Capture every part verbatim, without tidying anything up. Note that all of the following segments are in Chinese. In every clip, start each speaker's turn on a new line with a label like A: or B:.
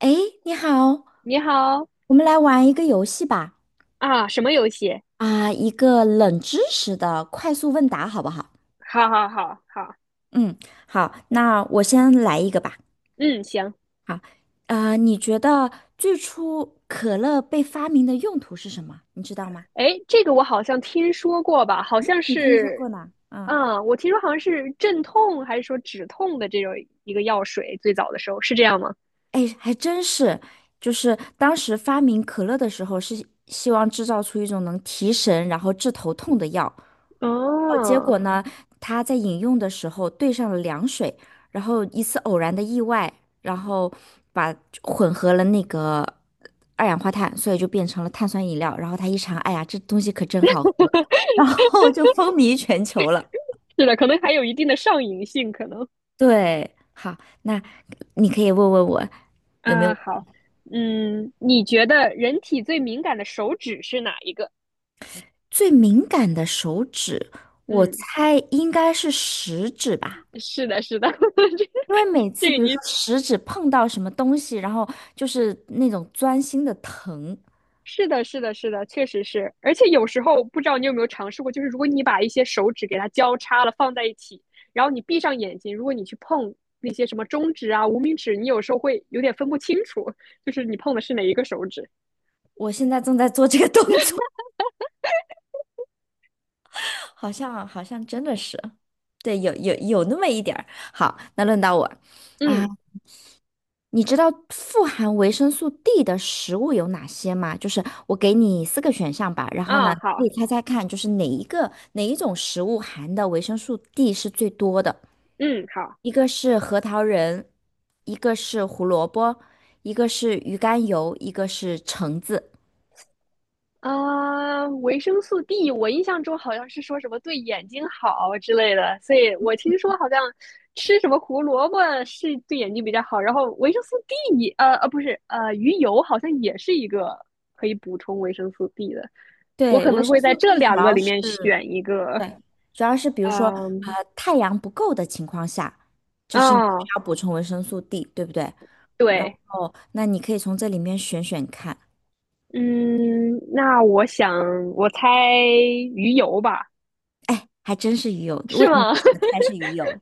A: 哎，你好，
B: 你好
A: 我们来玩一个游戏吧。
B: 啊，什么游戏？
A: 啊，一个冷知识的快速问答，好不好？
B: 好好好好，
A: 嗯，好，那我先来一个吧。
B: 嗯，行。
A: 好，呃，你觉得最初可乐被发明的用途是什么？你知道吗？
B: 哎，这个我好像听说过吧？好像
A: 你听说
B: 是，
A: 过呢？嗯，
B: 啊，我听说好像是镇痛还是说止痛的这种一个药水，最早的时候是这样吗？
A: 哎，还真是，就是当时发明可乐的时候，是希望制造出一种能提神然后治头痛的药，哦，结果
B: 哦，
A: 呢，他在饮用的时候兑上了凉水，然后一次偶然的意外，然后把混合了那个二氧化碳，所以就变成了碳酸饮料。然后他一尝，哎呀，这东西可真好喝，然后就风靡全球了。
B: 是的，可能还有一定的上瘾性，可能。
A: 对，好，那你可以问问我有没
B: 啊，
A: 有
B: 好，嗯，你觉得人体最敏感的手指是哪一个？
A: 最敏感的手指，我
B: 嗯，
A: 猜应该是食指吧。
B: 是的，是的，这
A: 因为每
B: 这
A: 次
B: 个
A: 比如
B: 你
A: 说食指碰到什么东西，然后就是那种钻心的疼。
B: 是的，是的，是的，确实是。而且有时候不知道你有没有尝试过，就是如果你把一些手指给它交叉了放在一起，然后你闭上眼睛，如果你去碰那些什么中指啊、无名指，你有时候会有点分不清楚，就是你碰的是哪一个手指。
A: 我现在正在做这个动作，好像好像真的是，对，有有有那么一点儿。好，那轮到我啊，
B: 嗯，
A: 你知道富含维生素 D 的食物有哪些吗？就是我给你四个选项吧，然后
B: 啊，
A: 呢，
B: 好，
A: 你猜猜看，就是哪一个哪一种食物含的维生素 D 是最多的？
B: 嗯，好。
A: 一个是核桃仁，一个是胡萝卜，一个是鱼肝油，一个是橙子。
B: 啊，维生素 D，我印象中好像是说什么对眼睛好之类的，所以我听说好像吃什么胡萝卜是对眼睛比较好，然后维生素 D，呃呃不是，呃鱼油好像也是一个可以补充维生素 D 的，我
A: 对，
B: 可
A: 维
B: 能
A: 生
B: 会在
A: 素
B: 这
A: D 主
B: 两个
A: 要
B: 里面
A: 是，
B: 选一个，
A: 对，主要是比如说，
B: 嗯，
A: 呃，太阳不够的情况下，就是你需
B: 啊，
A: 要补充维生素 D，对不对？然
B: 对，
A: 后那你可以从这里面选选看。
B: 嗯，那我想我猜鱼油吧，
A: 哎，还真是鱼油，
B: 是
A: 问你为
B: 吗？
A: 什么猜是鱼油？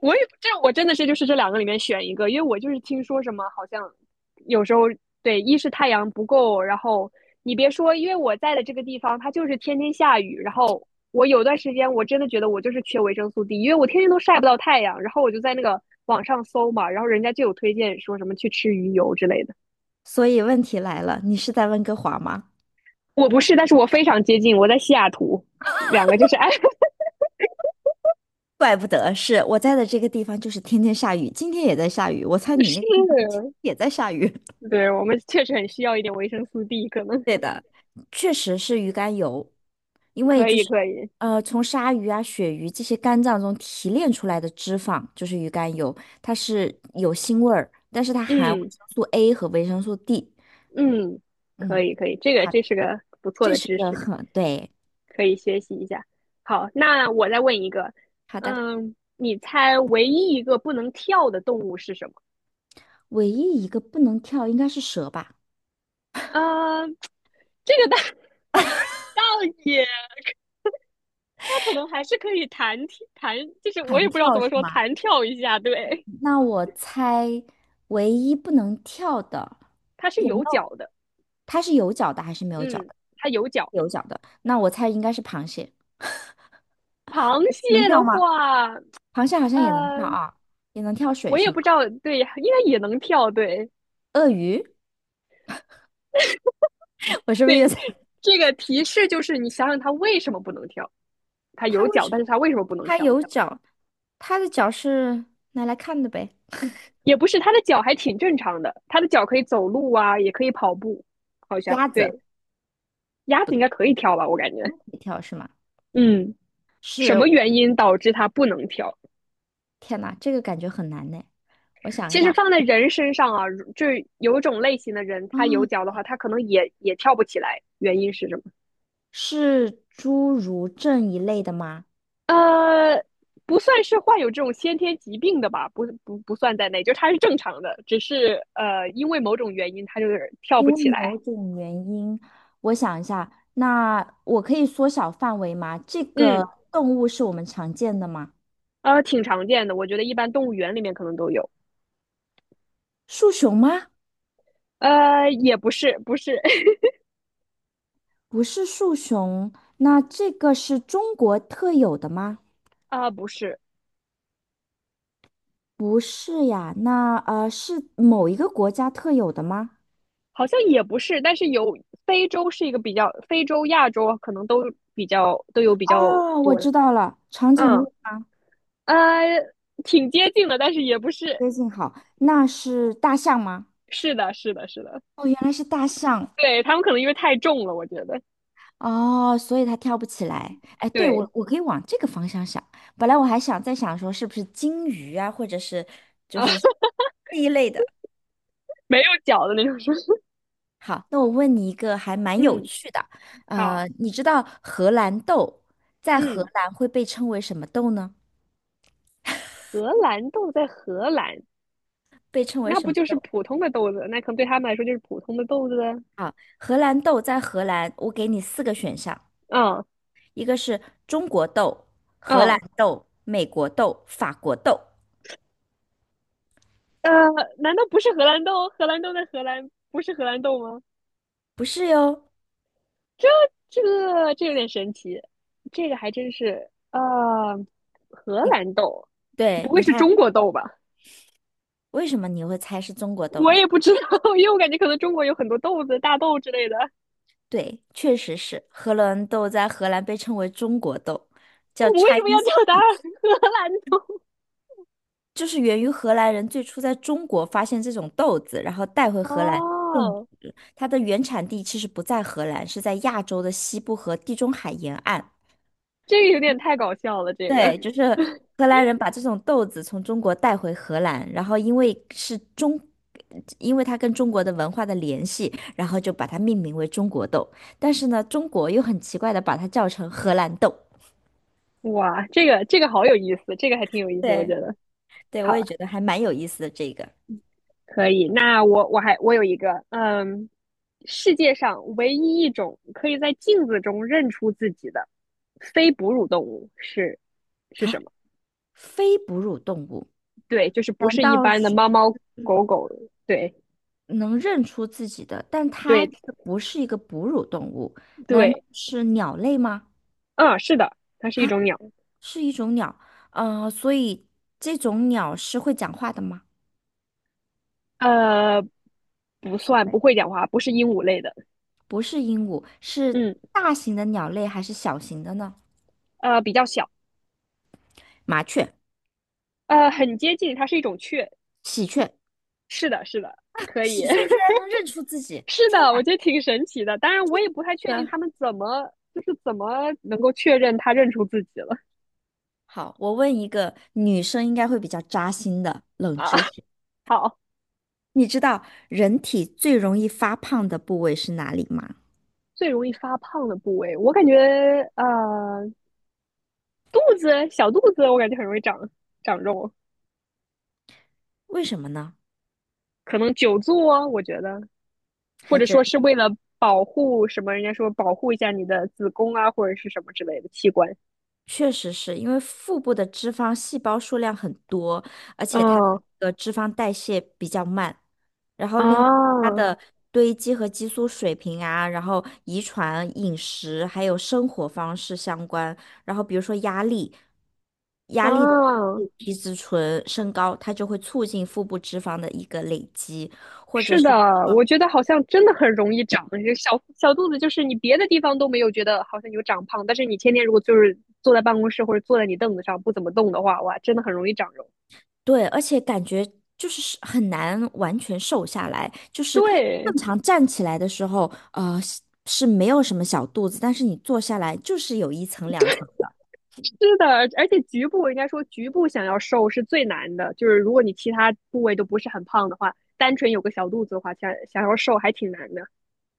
B: 我也这我真的是就是这两个里面选一个，因为我就是听说什么好像有时候对，一是太阳不够，然后你别说，因为我在的这个地方它就是天天下雨，然后我有段时间我真的觉得我就是缺维生素 D，因为我天天都晒不到太阳，然后我就在那个网上搜嘛，然后人家就有推荐说什么去吃鱼油之类的。
A: 所以问题来了，你是在温哥华吗？
B: 我不是，但是我非常接近，我在西雅图，两个就是 哎
A: 怪不得是我在的这个地方，就是天天下雨，今天也在下雨。我猜你那个地方今
B: 是，
A: 天也在下雨。
B: 对我们确实很需要一点维生素 D，可能
A: 对的，确实是鱼肝油，因为
B: 可
A: 就
B: 以
A: 是
B: 可以，
A: 呃，从鲨鱼啊、鳕鱼这些肝脏中提炼出来的脂肪就是鱼肝油，它是有腥味儿，但是它含维
B: 嗯。
A: 生素 A 和维生素 D。
B: 嗯，可
A: 嗯。
B: 以可以，这个
A: 好。
B: 这是个不错
A: 这
B: 的
A: 是
B: 知
A: 个
B: 识，
A: 很对。
B: 可以学习一下。好，那我再问一个，
A: 好的，
B: 嗯，你猜唯一一个不能跳的动物是什么？
A: 唯一一个不能跳应该是蛇吧？
B: 嗯，这个倒 倒也，它可能还是可以弹跳弹，就是我
A: 弹
B: 也不知道怎
A: 跳
B: 么
A: 是
B: 说，
A: 吗？
B: 弹跳一下。对，
A: 那我猜唯一不能跳的
B: 它是
A: 有没
B: 有
A: 有？
B: 脚的，
A: 它是有脚的还是没有脚
B: 嗯，
A: 的？
B: 它有脚。
A: 有脚的，那我猜应该是螃蟹。
B: 螃
A: 能
B: 蟹的
A: 跳吗？
B: 话，
A: 螃蟹好像也能跳
B: 呃，
A: 啊，也能跳水
B: 我也
A: 是吗？
B: 不知道，对，应该也能跳，对，
A: 鳄鱼，我 是不是越
B: 对，
A: 猜
B: 这个提示就是你想想它为什么不能跳？它
A: 它
B: 有
A: 为
B: 脚，
A: 什
B: 但是它为什么不能
A: 它
B: 跳？
A: 有脚，它的脚是拿来看的呗。
B: 也不是，它的脚还挺正常的，它的脚可以走路啊，也可以跑步，好像
A: 鸭子，
B: 对。鸭子应该可以跳吧，我感
A: 它
B: 觉。
A: 可以跳是吗？
B: 嗯，什
A: 是，
B: 么原因导致它不能跳？
A: 天呐，这个感觉很难呢。我想一
B: 其实
A: 下，
B: 放在人身上啊，就有一种类型的人，
A: 啊，
B: 他有脚的话，他可能也也跳不起来，原因是什么？
A: 是侏儒症一类的吗？
B: 呃，不算是患有这种先天疾病的吧，不不不算在内，就是他是正常的，只是呃因为某种原因它就是跳
A: 因
B: 不
A: 为
B: 起来。
A: 某种原因，我想一下，那我可以缩小范围吗？这个
B: 嗯，
A: 动物是我们常见的吗？
B: 呃，挺常见的，我觉得一般动物园里面可能都有。
A: 树熊吗？
B: 呃，也不是，不是，
A: 不是树熊，那这个是中国特有的吗？
B: 啊、不是，
A: 不是呀，那呃是某一个国家特有的吗？
B: 好像也不是，但是有非洲是一个比较，非洲、亚洲可能都比较都有比较
A: 哦，我
B: 多的。
A: 知道了，长颈鹿
B: 嗯，呃，挺接近的，但是也不是。
A: 接近好，那是大象吗？
B: 是的，是的，是的，
A: 哦，原来是大象
B: 对，他们可能因为太重了，我觉得。
A: 哦，所以它跳不起来。哎，对，
B: 对，
A: 我我可以往这个方向想。本来我还想再想说是不是金鱼啊，或者是
B: 啊。
A: 这一类的。
B: 没有脚的那种。
A: 好，那我问你一个还蛮有
B: 嗯，
A: 趣的，
B: 好，
A: 呃，你知道荷兰豆在荷
B: 嗯，
A: 兰会被称为什么豆呢？
B: 荷兰豆在荷兰，
A: 被称为
B: 那
A: 什
B: 不
A: 么
B: 就是
A: 豆？
B: 普通的豆子？那可能对他们来说就是普通的豆子啊。
A: 啊，荷兰豆在荷兰，我给你四个选项，
B: 嗯
A: 一个是中国豆、荷兰
B: 嗯，
A: 豆、美国豆、法国豆，
B: 呃，难道不是荷兰豆？荷兰豆在荷兰不是荷兰豆吗？
A: 不是哟。
B: 这个这有点神奇，这个还真是。啊，荷兰豆，不
A: 对，
B: 会
A: 你
B: 是
A: 看。
B: 中国豆吧？
A: 为什么你会猜是中国豆
B: 我
A: 呢？
B: 也不知道，因为我感觉可能中国有很多豆子、大豆之类的。
A: 对，确实是荷兰豆，在荷兰被称为中国豆，叫
B: 我们为什么要
A: Chinese，
B: 叫它 荷兰豆？
A: 就是源于荷兰人最初在中国发现这种豆子，然后带回荷兰种。
B: 哦，
A: 它的原产地其实不在荷兰，是在亚洲的西部和地中海沿岸。
B: 这个有点太搞笑了，这
A: 对，
B: 个
A: 就是荷兰人把这种豆子从中国带回荷兰，然后因为是中，因为它跟中国的文化的联系，然后就把它命名为中国豆。但是呢，中国又很奇怪的把它叫成荷兰豆。
B: 哇，这个这个好有意思，这个还挺有意思，我觉
A: 对，
B: 得
A: 对，我
B: 好
A: 也觉得还蛮有意思的这个
B: 可以。那我我还我有一个，嗯，世界上唯一一种可以在镜子中认出自己的非哺乳动物是是
A: 啊，
B: 什么？
A: 非哺乳动物
B: 对，就是不
A: 难
B: 是一
A: 道
B: 般的
A: 是？
B: 猫猫狗狗，对
A: 能认出自己的，但它
B: 对
A: 却不是一个哺乳动物，难道
B: 对，
A: 是鸟类吗？
B: 嗯，是的，它是一
A: 啊
B: 种鸟，
A: 是一种鸟，呃，所以这种鸟是会讲话的吗？
B: 呃，不算不
A: 会
B: 会讲话，不是鹦鹉类的，
A: 不是鹦鹉，是
B: 嗯，
A: 大型的鸟类还是小型的呢？
B: 呃，比较小，
A: 麻雀、
B: 呃，很接近，它是一种雀。
A: 喜鹊，
B: 是的，是的，可
A: 喜
B: 以，
A: 鹊居然能 认出自己，
B: 是
A: 天
B: 的，我
A: 哪！
B: 觉得挺神奇的。当然，我也不太确定
A: 的，
B: 他们怎么，就是怎么能够确认他认出自己了
A: 好，我问一个女生应该会比较扎心的冷
B: 啊。
A: 知识，
B: 好，
A: 你知道人体最容易发胖的部位是哪里吗？
B: 最容易发胖的部位，我感觉呃，肚子，小肚子，我感觉很容易长长肉，
A: 为什么呢？
B: 可能久坐，我觉得，或
A: 还
B: 者
A: 真。
B: 说是为了保护什么，人家说保护一下你的子宫啊，或者是什么之类的器官。
A: 确实是因为腹部的脂肪细胞数量很多，而且它的
B: 嗯
A: 那个脂肪代谢比较慢，然后另外它
B: 啊
A: 的堆积和激素水平啊，然后遗传、饮食还有生活方式相关，然后比如说压力，压力的
B: 啊。
A: 皮质醇升高，它就会促进腹部脂肪的一个累积。或者。
B: 是的，我觉得好像真的很容易长，这小小肚子就是你别的地方都没有觉得好像有长胖，但是你天天如果就是坐在办公室或者坐在你凳子上不怎么动的话，哇，真的很容易长肉。
A: 对，而且感觉就是是很难完全瘦下来，就是
B: 对，
A: 正常站起来的时候，呃，是是没有什么小肚子，但是你坐下来就是有一层两层的。
B: 是的，而且局部应该说局部想要瘦是最难的，就是如果你其他部位都不是很胖的话，单纯有个小肚子的话，想想要瘦还挺难的。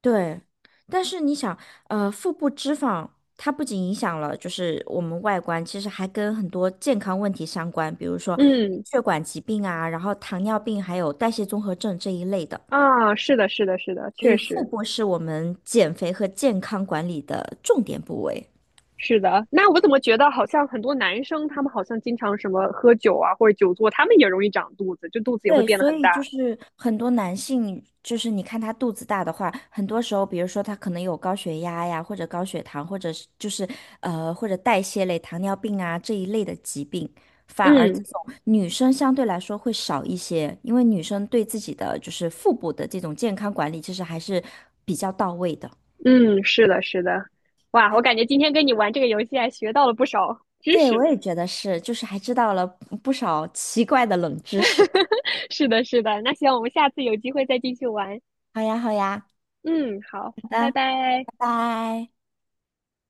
A: 对，但是你想，呃，腹部脂肪它不仅影响了就是我们外观，其实还跟很多健康问题相关，比如说
B: 嗯，
A: 血管疾病啊，然后糖尿病，还有代谢综合症这一类的。
B: 啊，是的，是的，是的，
A: 所
B: 确
A: 以腹
B: 实。
A: 部是我们减肥和健康管理的重点部位。
B: 是的，那我怎么觉得好像很多男生他们好像经常什么喝酒啊或者久坐，他们也容易长肚子，就肚子也会
A: 对，
B: 变得
A: 所
B: 很
A: 以就
B: 大。
A: 是很多男性，就是你看他肚子大的话，很多时候，比如说他可能有高血压呀，或者高血糖，或者是就是呃，或者代谢类糖尿病啊这一类的疾病，反而这
B: 嗯
A: 种女生相对来说会少一些，因为女生对自己的就是腹部的这种健康管理，其实还是比较到位的。
B: 嗯，是的，是的，哇，我感觉今天跟你玩这个游戏还学到了不少知
A: 对，
B: 识
A: 我
B: 呢。
A: 也觉得是，就是还知道了不不少奇怪的冷知识。
B: 是的，是的，那希望我们下次有机会再继续玩。
A: 好呀，好呀，
B: 嗯，好，
A: 好
B: 拜
A: 的，
B: 拜。
A: 拜拜。